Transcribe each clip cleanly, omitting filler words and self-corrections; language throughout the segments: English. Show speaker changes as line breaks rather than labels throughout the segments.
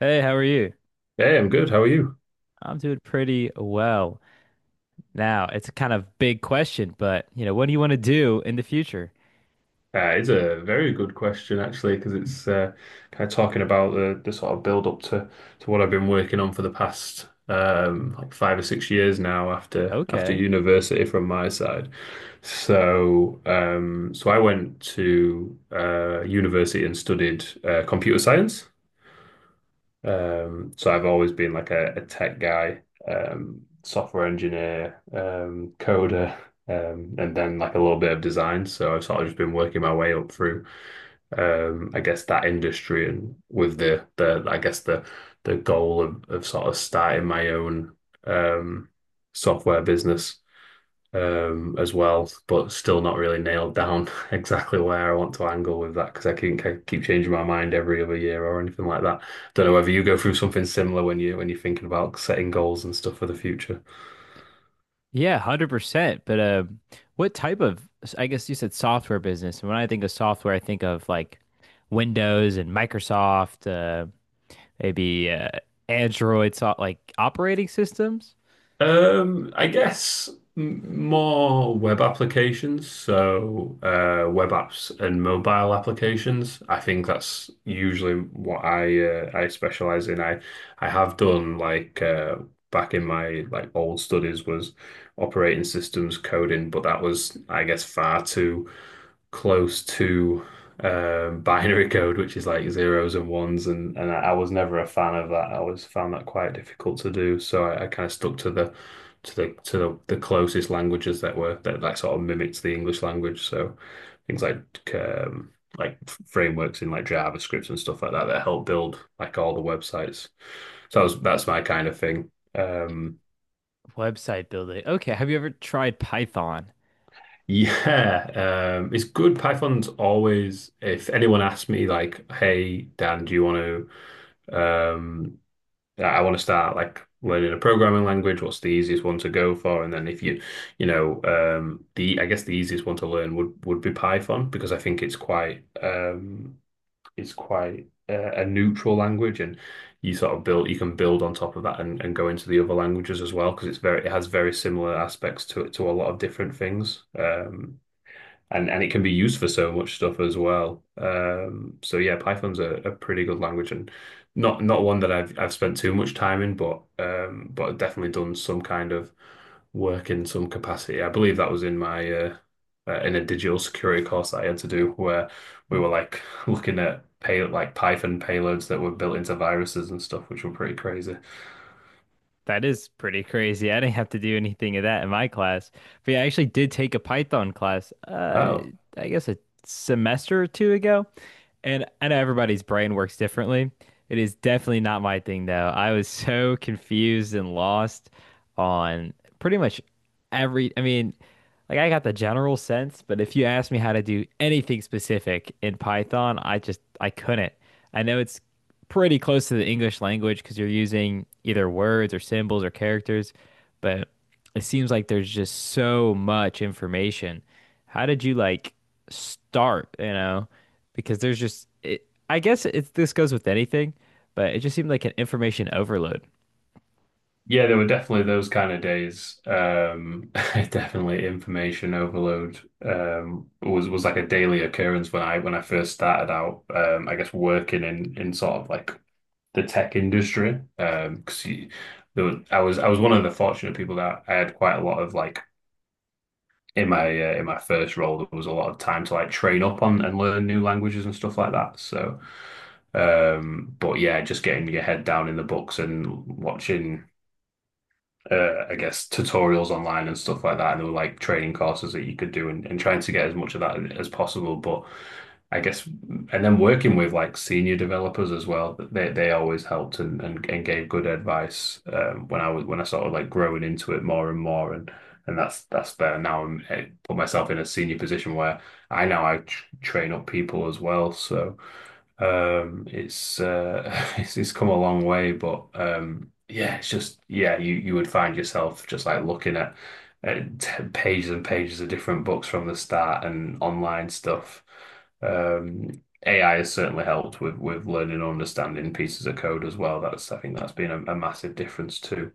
Hey, how are you?
Hey, I'm good. How are you?
I'm doing pretty well. Now, it's a kind of big question, but you know, what do you want to do in the future?
It's a very good question actually, because it's kind of talking about the sort of build up to what I've been working on for the past like 5 or 6 years now after
Okay.
university from my side. So I went to university and studied computer science. So I've always been like a tech guy, software engineer, coder, and then like a little bit of design. So I've sort of just been working my way up through, I guess that industry and with the I guess the goal of sort of starting my own um, software business as well, but still not really nailed down exactly where I want to angle with that because I keep changing my mind every other year or anything like that. Don't know whether you go through something similar when you're thinking about setting goals and stuff for the future.
Yeah, 100%. But what type of, I guess you said software business. And when I think of software, I think of like Windows and Microsoft, maybe Android, so like operating systems,
I guess more web applications, so web apps and mobile applications. I think that's usually what I specialize in. I have done like back in my like old studies was operating systems coding, but that was I guess far too close to binary code, which is like zeros and ones, and was never a fan of that. I always found that quite difficult to do, so I kind of stuck to the closest languages that were that sort of mimics the English language. So things like um, like frameworks in like JavaScript and stuff like that that help build like all the websites. That's my kind of thing.
website building. Okay. Have you ever tried Python?
Yeah, it's good. Python's always, if anyone asks me, like, hey, Dan, do you want to Um, I want to start like learning a programming language. What's the easiest one to go for? And then if you, you know, the I guess the easiest one to learn would be Python because I think it's quite a neutral language, and you sort of build you can build on top of that and go into the other languages as well because it's very it has very similar aspects to it to a lot of different things. And it can be used for so much stuff as well. So yeah, Python's a pretty good language and not one that I've spent too much time in, but I've definitely done some kind of work in some capacity. I believe that was in my in a digital security course that I had to do where we were like looking at pay like Python payloads that were built into viruses and stuff, which were pretty crazy.
That is pretty crazy. I didn't have to do anything of that in my class. But yeah, I actually did take a Python class,
Oh.
I guess a semester or two ago. And I know everybody's brain works differently. It is definitely not my thing, though. I was so confused and lost on pretty much every, I mean, like I got the general sense, but if you asked me how to do anything specific in Python, I couldn't. I know it's pretty close to the English language because you're using either words or symbols or characters, but it seems like there's just so much information. How did you like start, you know? Because there's just I guess it's this goes with anything, but it just seemed like an information overload.
Yeah, there were definitely those kind of days. Definitely information overload was like a daily occurrence when I first started out. I guess working in sort of like the tech industry. Because I was one of the fortunate people that I had quite a lot of like in my first role there was a lot of time to like train up on and learn new languages and stuff like that. So, but yeah, just getting your head down in the books and watching I guess tutorials online and stuff like that. And there were like training courses that you could do and trying to get as much of that as possible. But I guess and then working with like senior developers as well, they always helped and gave good advice when I was when I started like growing into it more and more and that's there now I put myself in a senior position where I tr train up people as well. So it's it's come a long way, but yeah, it's just yeah, you would find yourself just like looking at t pages and pages of different books from the start and online stuff. Um, AI has certainly helped with learning and understanding pieces of code as well. That's I think that's been a massive difference too.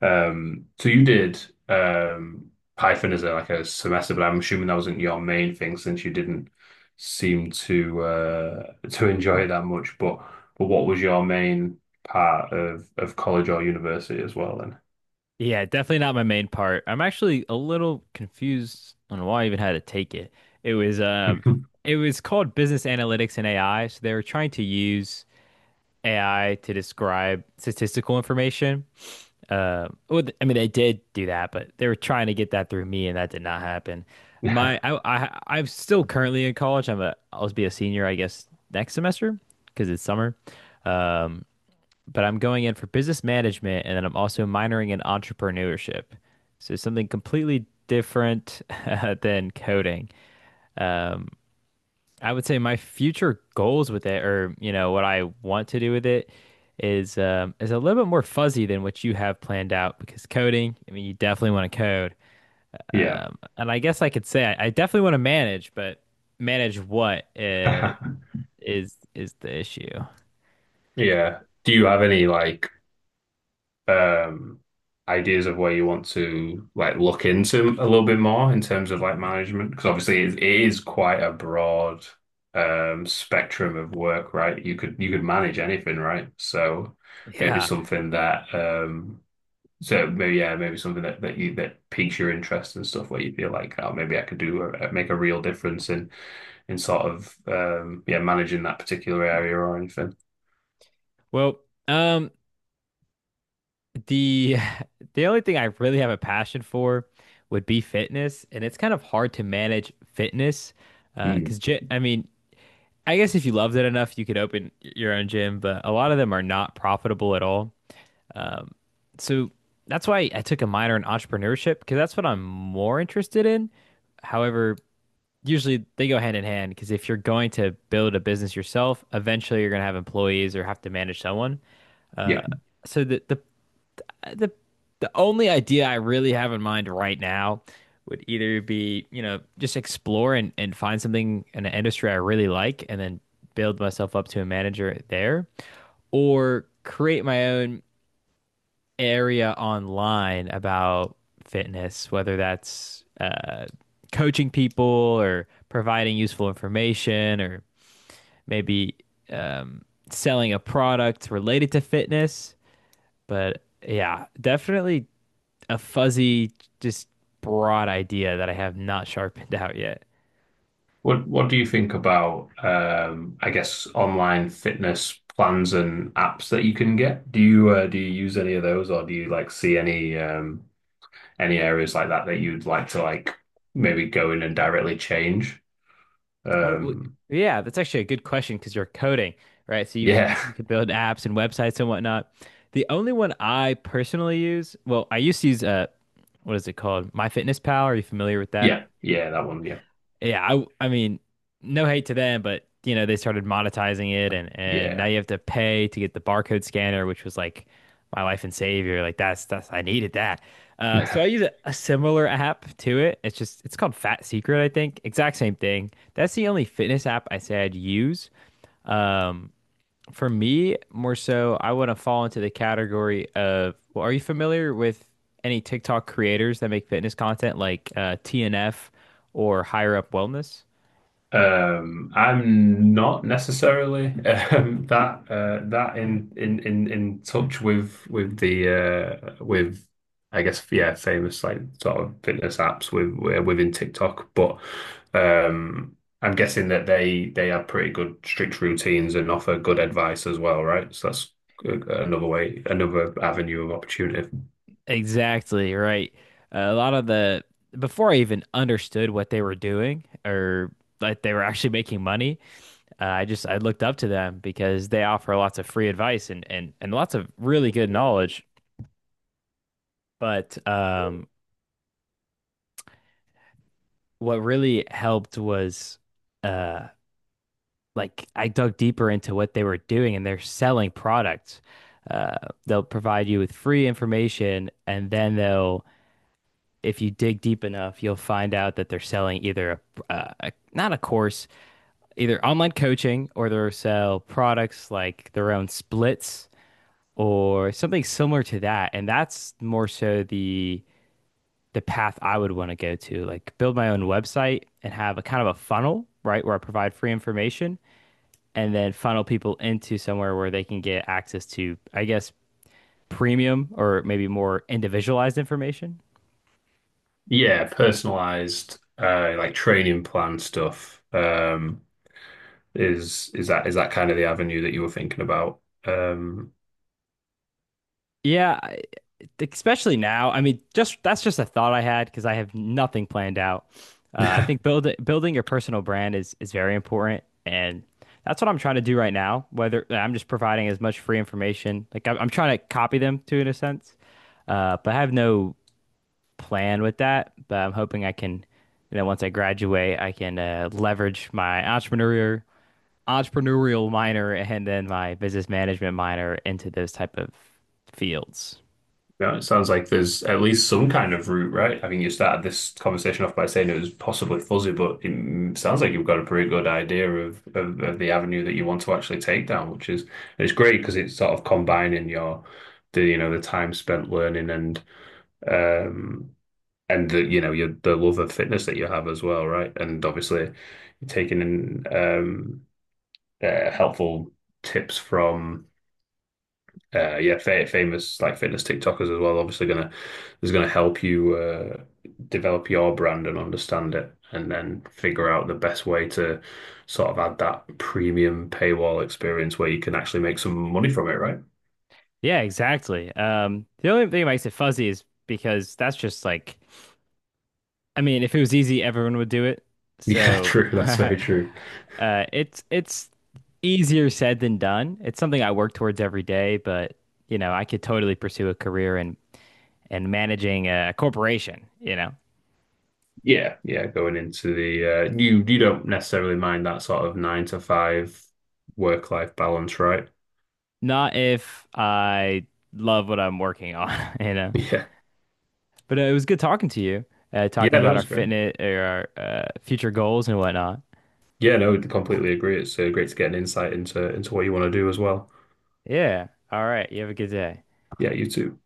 So you did um, Python as a semester, but I'm assuming that wasn't your main thing since you didn't seem to enjoy it that much. But what was your main part of college or university as well then?
Yeah, definitely not my main part. I'm actually a little confused on why I even had to take it. It was um it was called business analytics and AI, so they were trying to use AI to describe statistical information. Well, I mean, they did do that, but they were trying to get that through me, and that did not happen.
Yeah.
I'm still currently in college. I'll be a senior, I guess, next semester because it's summer. Um, but I'm going in for business management, and then I'm also minoring in entrepreneurship. So something completely different than coding. Um, I would say my future goals with it, or you know, what I want to do with it, is a little bit more fuzzy than what you have planned out. Because coding, I mean, you definitely want to code,
Yeah.
and I guess I could say I definitely want to manage, but manage what is the issue?
Yeah. Do you have any like um ideas of where you want to like look into a little bit more in terms of like management? Because obviously it is quite a broad spectrum of work, right? You could manage anything, right? So maybe
Yeah.
something that so maybe yeah, maybe something that you that piques your interest and stuff where you feel like oh maybe I could make a real difference in sort of yeah managing that particular area or anything.
Well, um, the the only thing I really have a passion for would be fitness, and it's kind of hard to manage fitness
Mm.
because I mean I guess if you loved it enough, you could open your own gym, but a lot of them are not profitable at all. Um, so that's why I took a minor in entrepreneurship because that's what I'm more interested in. However, usually they go hand in hand because if you're going to build a business yourself, eventually you're going to have employees or have to manage someone.
Yeah.
So the the only idea I really have in mind right now would either be, you know, just explore and find something in an industry I really like and then build myself up to a manager there, or create my own area online about fitness, whether that's coaching people or providing useful information or maybe um, selling a product related to fitness. But yeah, definitely a fuzzy, just broad idea that I have not sharpened out yet.
What do you think about I guess online fitness plans and apps that you can get? Do you use any of those or do you like see any areas like that that you'd like to like maybe go in and directly change?
I do
Um,
yeah, that's actually a good question because you're coding, right? So you,
yeah.
you you can build apps and websites and whatnot. The only one I personally use, well, I used to use what is it called? MyFitnessPal. Are you familiar with that?
Yeah. Yeah, that one. Yeah.
Yeah, I mean, no hate to them, but you know, they started monetizing it and now
Yeah.
you have to pay to get the barcode scanner, which was like my life and savior. Like that's I needed that. So I use a similar app to it. It's just it's called Fat Secret, I think. Exact same thing. That's the only fitness app I say I'd use. Um, for me, more so, I want to fall into the category of, well, are you familiar with any TikTok creators that make fitness content like TNF or Higher Up Wellness?
I'm not necessarily that in touch with the with I guess yeah famous like sort of fitness apps with within TikTok, but um, I'm guessing that they have pretty good strict routines and offer good advice as well, right? So that's another way, another avenue of opportunity.
Exactly, right. A lot of the, Before I even understood what they were doing or that they were actually making money, I just, I looked up to them because they offer lots of free advice and lots of really good knowledge. But what really helped was, uh, like I dug deeper into what they were doing and they're selling products. Uh, they'll provide you with free information and then they'll, if you dig deep enough, you'll find out that they're selling either a not a course, either online coaching or they'll sell products like their own splits or something similar to that. And that's more so the path I would want to go to, like build my own website and have a kind of a funnel, right, where I provide free information and then funnel people into somewhere where they can get access to, I guess, premium or maybe more individualized information.
Yeah, personalized like training plan stuff is that kind of the avenue that you were thinking about? Um
Yeah, especially now. I mean, just that's just a thought I had because I have nothing planned out. I think building your personal brand is very important, and that's what I'm trying to do right now. Whether I'm just providing as much free information, like I'm trying to copy them to in a sense, but I have no plan with that, but I'm hoping I can, you know, once I graduate, I can leverage my entrepreneurial minor and then my business management minor into those type of fields.
Yeah, it sounds like there's at least some kind of route, right? I mean, you started this conversation off by saying it was possibly fuzzy, but it sounds like you've got a pretty good idea of the avenue that you want to actually take down, which is it's great because it's sort of combining your the you know the time spent learning um and the you know your the love of fitness that you have as well, right? And obviously you're taking in helpful tips from yeah, fa famous like fitness TikTokers as well. Obviously, gonna help you develop your brand and understand it, and then figure out the best way to sort of add that premium paywall experience where you can actually make some money from it, right?
Yeah, exactly. The only thing that makes it fuzzy is because that's just like, I mean, if it was easy, everyone would do it.
Yeah,
So,
true. That's very true.
it's easier said than done. It's something I work towards every day, but you know, I could totally pursue a career in. And managing a corporation, you know,
Yeah, yeah. Going into the you don't necessarily mind that sort of nine to five work life balance, right?
not if I love what I'm working on, you know.
Yeah,
But it was good talking to you, talking
yeah. No,
about our
it's great.
fitness or our future goals and whatnot.
Yeah, no, completely agree. It's great to get an insight into what you want to do as well.
Yeah. All right. You have a good day.
Yeah, you too.